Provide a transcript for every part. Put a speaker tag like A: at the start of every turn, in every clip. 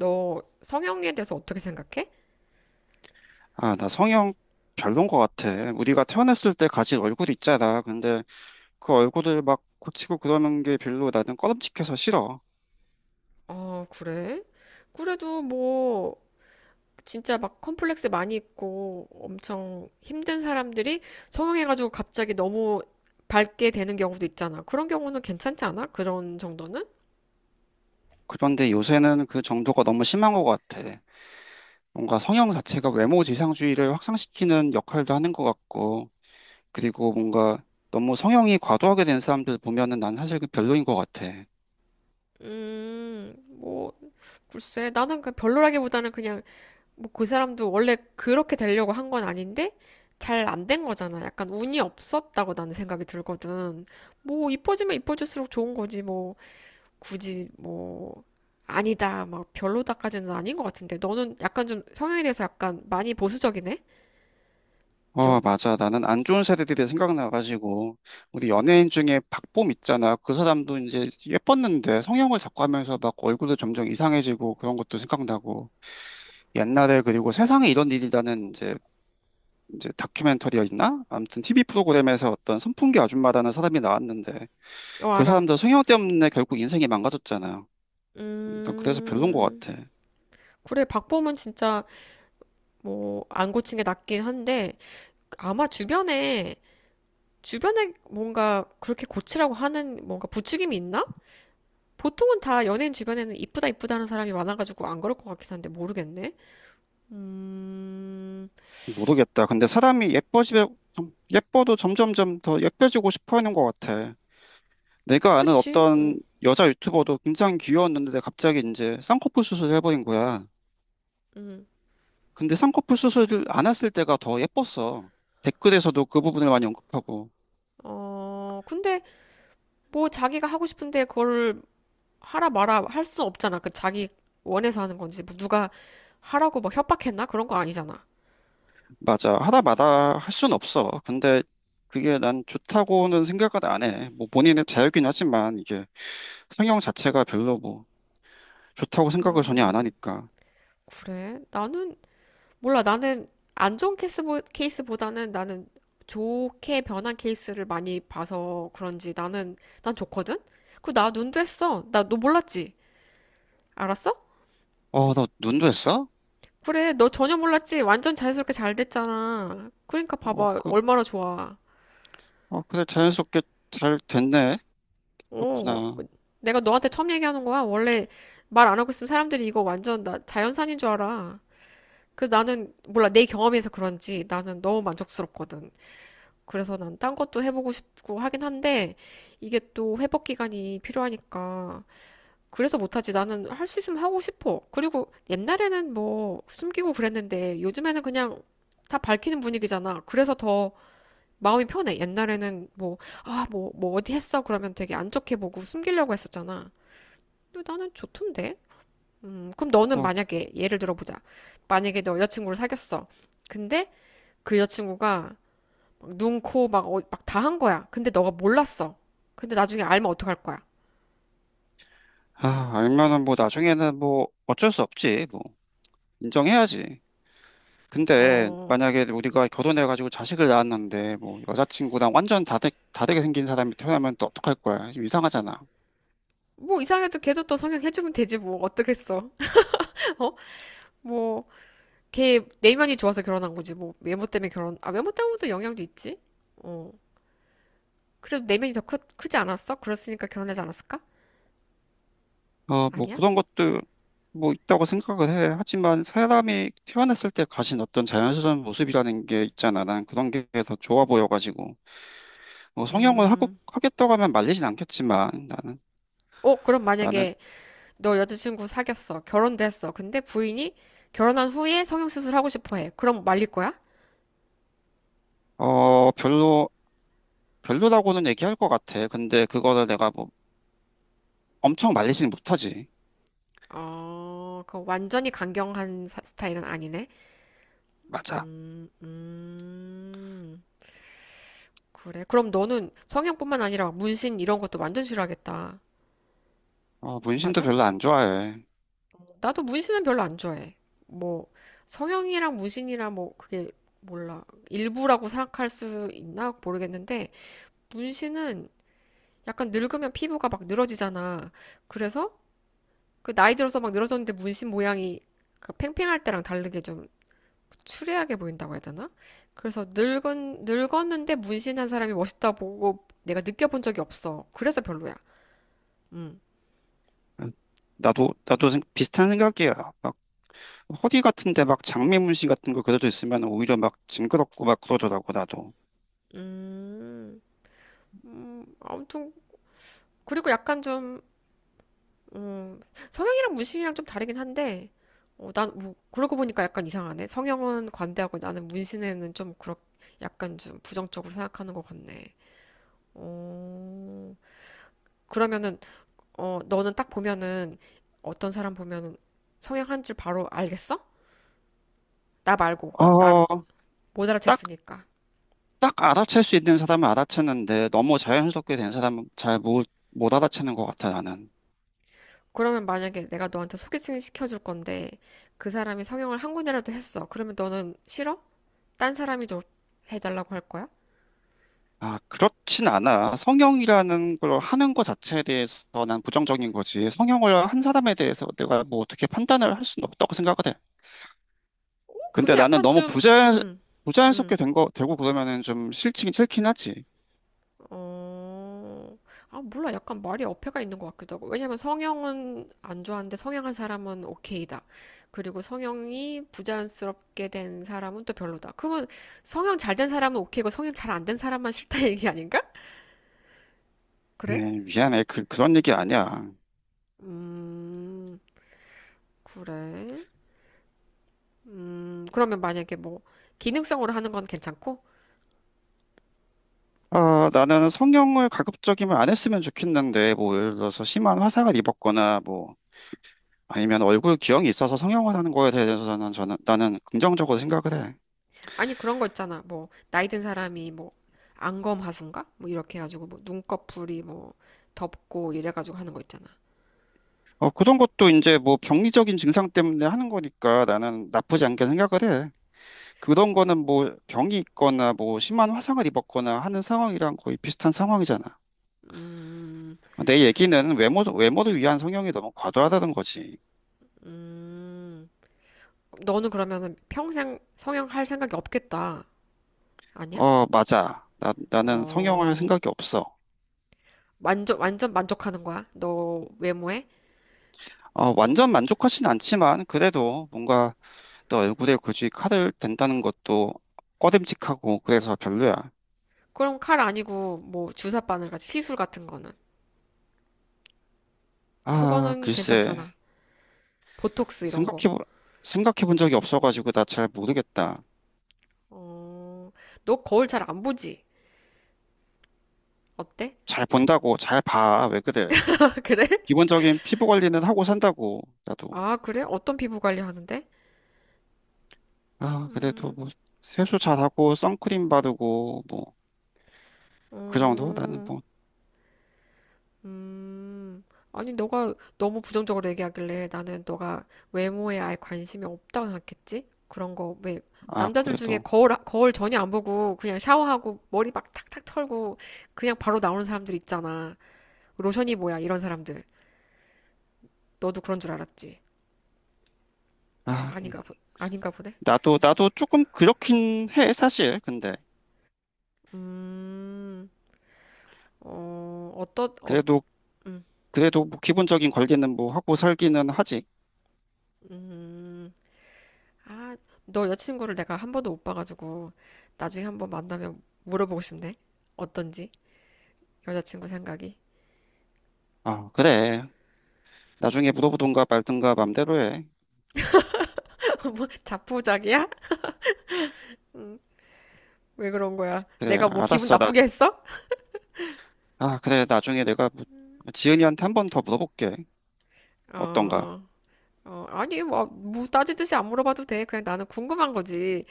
A: 너 성형에 대해서 어떻게 생각해?
B: 아, 나 성형 별론 것 같아. 우리가 태어났을 때 가진 얼굴 있잖아. 근데 그 얼굴을 막 고치고 그러는 게 별로 나는 꺼름칙해서 싫어.
A: 아, 그래? 그래도 뭐 진짜 막 컴플렉스 많이 있고 엄청 힘든 사람들이 성형해가지고 갑자기 너무 밝게 되는 경우도 있잖아. 그런 경우는 괜찮지 않아? 그런 정도는?
B: 그런데 요새는 그 정도가 너무 심한 것 같아. 뭔가 성형 자체가 외모 지상주의를 확산시키는 역할도 하는 것 같고, 그리고 뭔가 너무 성형이 과도하게 된 사람들 보면은 난 사실 그 별로인 것 같아.
A: 음, 뭐 글쎄 나는 그 별로라기보다는 그냥 뭐 그 사람도 원래 그렇게 되려고 한건 아닌데 잘 안된 거잖아. 약간 운이 없었다고 나는 생각이 들거든. 뭐 이뻐지면 이뻐질수록 좋은 거지 뭐. 굳이 뭐 아니다 막 별로다까지는 아닌 것 같은데 너는 약간 좀 성향에 대해서 약간 많이 보수적이네.
B: 어,
A: 좀?
B: 맞아. 나는 안 좋은 세대들이 생각나가지고, 우리 연예인 중에 박봄 있잖아. 그 사람도 이제 예뻤는데 성형을 자꾸 하면서 막 얼굴도 점점 이상해지고 그런 것도 생각나고. 옛날에 그리고 세상에 이런 일이라는 이제, 이제 다큐멘터리였나? 아무튼 TV 프로그램에서 어떤 선풍기 아줌마라는 사람이 나왔는데
A: 어
B: 그
A: 알아.
B: 사람도 성형 때문에 결국 인생이 망가졌잖아. 일단 그래서 별론 것
A: 음
B: 같아.
A: 그래, 박범은 진짜 뭐 안 고친 게 낫긴 한데 아마 주변에 뭔가 그렇게 고치라고 하는 뭔가 부추김이 있나? 보통은 다 연예인 주변에는 이쁘다 이쁘다 하는 사람이 많아가지고 안 그럴 것 같긴 한데 모르겠네. 음,
B: 모르겠다. 근데 예뻐도 점점점 더 예뻐지고 싶어 하는 것 같아. 내가 아는
A: 그치. 응.
B: 어떤 여자 유튜버도 굉장히 귀여웠는데 내가 갑자기 이제 쌍꺼풀 수술을 해버린 거야.
A: 응.
B: 근데 쌍꺼풀 수술을 안 했을 때가 더 예뻤어. 댓글에서도 그 부분을 많이 언급하고.
A: 어 근데 뭐 자기가 하고 싶은데 그걸 하라 마라 할 수 없잖아. 그 자기 원해서 하는 건지 뭐 누가 하라고 막 협박했나? 그런 거 아니잖아.
B: 맞아. 하다 마다 할 순 없어. 근데 그게 난 좋다고는 생각을 안 해. 뭐 본인의 자유긴 하지만 이게 성형 자체가 별로 뭐 좋다고 생각을 전혀 안
A: 음,
B: 하니까.
A: 그래. 나는 몰라. 나는 안 좋은 케이스보다는 나는 좋게 변한 케이스를 많이 봐서 그런지 나는 난 좋거든. 그 나 눈도 했어. 나 너 몰랐지? 알았어?
B: 어, 너 눈도 했어?
A: 그래. 너 전혀 몰랐지? 완전 자연스럽게 잘 됐잖아. 그러니까
B: 어,
A: 봐봐.
B: 그,
A: 얼마나 좋아.
B: 어, 그래. 자연스럽게 잘 됐네.
A: 어,
B: 그렇구나.
A: 내가 너한테 처음 얘기하는 거야. 원래 말 안 하고 있으면 사람들이 이거 완전 나 자연산인 줄 알아. 그 나는 몰라, 내 경험에서 그런지 나는 너무 만족스럽거든. 그래서 난 딴 것도 해보고 싶고 하긴 한데 이게 또 회복 기간이 필요하니까 그래서 못하지. 나는 할 수 있으면 하고 싶어. 그리고 옛날에는 뭐 숨기고 그랬는데 요즘에는 그냥 다 밝히는 분위기잖아. 그래서 더 마음이 편해. 옛날에는 뭐, 아, 뭐 어디 했어? 그러면 되게 안 좋게 보고 숨기려고 했었잖아. 근데 나는 좋던데? 그럼 너는
B: 어,
A: 만약에 예를 들어보자. 만약에 너 여자친구를 사귀었어. 근데 그 여자친구가 막 눈, 코, 막, 막다 한 거야. 근데 너가 몰랐어. 근데 나중에 알면 어떡할 거야?
B: 아, 알면은 뭐 나중에는 뭐 어쩔 수 없지. 뭐 인정해야지. 근데
A: 어,
B: 만약에 우리가 결혼해가지고 자식을 낳았는데 뭐 여자친구랑 다르게 생긴 사람이 태어나면 또 어떡할 거야. 좀 이상하잖아.
A: 뭐 이상해도 걔도 또 성형해주면 되지 뭐 어떡했어? 어? 뭐, 걔 내면이 좋아서 결혼한 거지. 뭐 외모 때문에 결혼, 아 외모 때문에도 영향도 있지. 어, 그래도 내면이 더 크지 않았어? 그랬으니까 결혼하지 않았을까?
B: 어, 뭐
A: 아니야?
B: 그런 것도 뭐 있다고 생각을 해. 하지만 사람이 태어났을 때 가진 어떤 자연스러운 모습이라는 게 있잖아. 난 그런 게 더 좋아 보여가지고. 뭐
A: 음,
B: 하겠다고 하면 말리진 않겠지만
A: 어, 그럼
B: 나는,
A: 만약에 너 여자친구 사귀었어. 결혼도 했어. 근데 부인이 결혼한 후에 성형수술 하고 싶어 해. 그럼 말릴 거야?
B: 어, 별로라고는 얘기할 것 같아. 근데 그거를 내가 뭐 엄청 말리지는 못하지.
A: 어, 그 완전히 강경한 스타일은 아니네.
B: 맞아.
A: 음, 그래. 그럼 너는 성형뿐만 아니라 문신 이런 것도 완전 싫어하겠다.
B: 어, 문신도
A: 맞아?
B: 별로 안 좋아해.
A: 나도 문신은 별로 안 좋아해. 뭐, 성형이랑 문신이랑 뭐, 그게 몰라. 일부라고 생각할 수 있나 모르겠는데, 문신은 약간 늙으면 피부가 막 늘어지잖아. 그래서 그 나이 들어서 막 늘어졌는데 문신 모양이 그 팽팽할 때랑 다르게 좀 추리하게 보인다고 해야 되나? 그래서 늙은 늙었는데 문신한 사람이 멋있다 보고 내가 느껴본 적이 없어. 그래서 별로야. 음,
B: 나도 비슷한 생각이야. 막, 허리 같은데 막 장미 문신 같은 거 그려져 있으면 오히려 막 징그럽고 막 그러더라고, 나도.
A: 음, 아무튼 그리고 약간 좀 음, 성형이랑 문신이랑 좀 다르긴 한데 어, 난 뭐, 그러고 보니까 약간 이상하네. 성형은 관대하고 나는 문신에는 좀 그렇, 약간 좀 부정적으로 생각하는 것 같네. 어, 그러면은 어, 너는 딱 보면은 어떤 사람 보면은 성향 한 줄 바로 알겠어? 나 말고 나
B: 어,
A: 못
B: 딱,
A: 알아챘으니까.
B: 딱 알아챌 수 있는 사람은 알아챘는데 너무 자연스럽게 된 사람은 잘 못, 못 알아채는 것 같아, 나는.
A: 그러면 만약에 내가 너한테 소개팅 시켜줄 건데 그 사람이 성형을 한 군데라도 했어. 그러면 너는 싫어? 딴 사람이 좀 해달라고 할 거야?
B: 아, 그렇진 않아. 성형이라는 걸 하는 것 자체에 대해서 난 부정적인 거지. 성형을 한 사람에 대해서 내가 뭐 어떻게 판단을 할 수는 없다고 생각을 해. 근데
A: 그게 약간 좀, 음,
B: 부자연스럽게
A: 음.
B: 되고 그러면은 싫긴 하지.
A: 어, 아, 몰라. 약간 말이 어폐가 있는 것 같기도 하고. 왜냐면 성형은 안 좋아하는데 성형한 사람은 오케이다. 그리고 성형이 부자연스럽게 된 사람은 또 별로다. 그러면 성형 잘 된 사람은 오케이고 성형 잘 안 된 사람만 싫다 얘기 아닌가? 그래?
B: 에이, 미안해. 그런 얘기 아니야.
A: 음, 그래. 그러면 만약에 뭐, 기능성으로 하는 건 괜찮고?
B: 아, 나는 성형을 가급적이면 안 했으면 좋겠는데, 뭐, 예를 들어서 심한 화상을 입었거나, 뭐, 아니면 얼굴 기형이 있어서 성형을 하는 거에 대해서는 나는 긍정적으로 생각을 해.
A: 아니, 그런 거 있잖아. 뭐, 나이 든 사람이 뭐, 안검 하수인가? 뭐, 이렇게 해가지고, 뭐, 눈꺼풀이 뭐, 덥고 이래가지고 하는 거 있잖아.
B: 어, 그런 것도 이제 뭐 병리적인 증상 때문에 하는 거니까 나는 나쁘지 않게 생각을 해. 그런 거는 뭐 병이 있거나 뭐 심한 화상을 입었거나 하는 상황이랑 거의 비슷한 상황이잖아.
A: 음,
B: 내 얘기는 외모를 위한 성형이 너무 과도하다는 거지.
A: 음. 너는 그러면은 평생 성형할 생각이 없겠다. 아니야?
B: 어, 맞아. 나는 성형을 할
A: 어,
B: 생각이 없어.
A: 완전, 완전 만족하는 거야? 너 외모에?
B: 어, 완전 만족하진 않지만, 그래도 뭔가 내 얼굴에 굳이 칼을 댄다는 것도 꺼림칙하고, 그래서 별로야.
A: 그럼 칼 아니고, 뭐, 주사 바늘 같이 시술 같은 거는.
B: 아,
A: 그거는
B: 글쎄.
A: 괜찮잖아. 보톡스 이런 거.
B: 생각해, 보- 생각해 본 적이 없어가지고, 나 잘 모르겠다.
A: 어, 너 거울 잘 안 보지? 어때?
B: 잘 봐. 왜 그래.
A: 그래?
B: 기본적인 피부 관리는 하고 산다고, 나도.
A: 아, 그래? 어떤 피부 관리 하는데?
B: 아, 그래도 뭐, 세수 잘하고, 선크림 바르고, 뭐, 그 정도? 나는
A: 음,
B: 뭐.
A: 음, 아니, 너가 너무 부정적으로 얘기하길래 나는 너가 외모에 아예 관심이 없다고 생각했지? 그런 거, 왜,
B: 아,
A: 남자들 중에
B: 그래도,
A: 거울 전혀 안 보고 그냥 샤워하고 머리 막 탁탁 털고 그냥 바로 나오는 사람들 있잖아. 로션이 뭐야, 이런 사람들. 너도 그런 줄 알았지?
B: 아,
A: 아닌가 보네?
B: 나도 조금 그렇긴 해, 사실. 근데,
A: 음, 어, 어떠, 어,
B: 그래도, 그래도 뭐 기본적인 관리는 뭐 하고 살기는 하지.
A: 음, 아, 너 여자친구를 내가 한 번도 못 봐가지고 나중에 한 번 만나면 물어보고 싶네. 어떤지? 여자친구 생각이.
B: 아, 그래. 나중에 물어보든가 말든가 맘대로 해.
A: 뭐 자포자기야? 왜 그런 거야?
B: 그래,
A: 내가 뭐 기분
B: 알았어.
A: 나쁘게 했어?
B: 아, 그래. 나중에 내가 뭐 지은이한테 한 번 더 물어볼게. 어떤가.
A: 어, 어, 아니 뭐, 따지듯이 안 물어봐도 돼. 그냥 나는 궁금한 거지.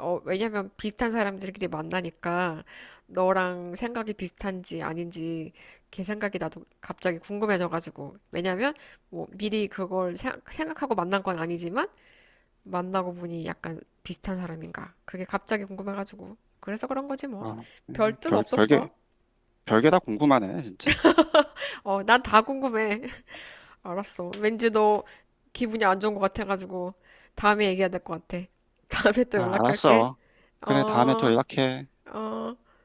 A: 어, 왜냐면 비슷한 사람들끼리 만나니까 너랑 생각이 비슷한지 아닌지 걔 생각이 나도 갑자기 궁금해져가지고. 왜냐면 뭐 미리 그걸 생각하고 만난 건 아니지만 만나고 보니 약간 비슷한 사람인가. 그게 갑자기 궁금해가지고. 그래서 그런 거지 뭐.
B: 아,
A: 별 뜻
B: 별, 별게,
A: 없었어.
B: 별게 다 궁금하네, 진짜.
A: 어, 난 다 궁금해. 알았어. 왠지 너 기분이 안 좋은 것 같아가지고 다음에 얘기해야 될 것 같아. 다음에 또
B: 아,
A: 연락할게.
B: 알았어. 그래, 다음에 또
A: 어,
B: 연락해.
A: 어.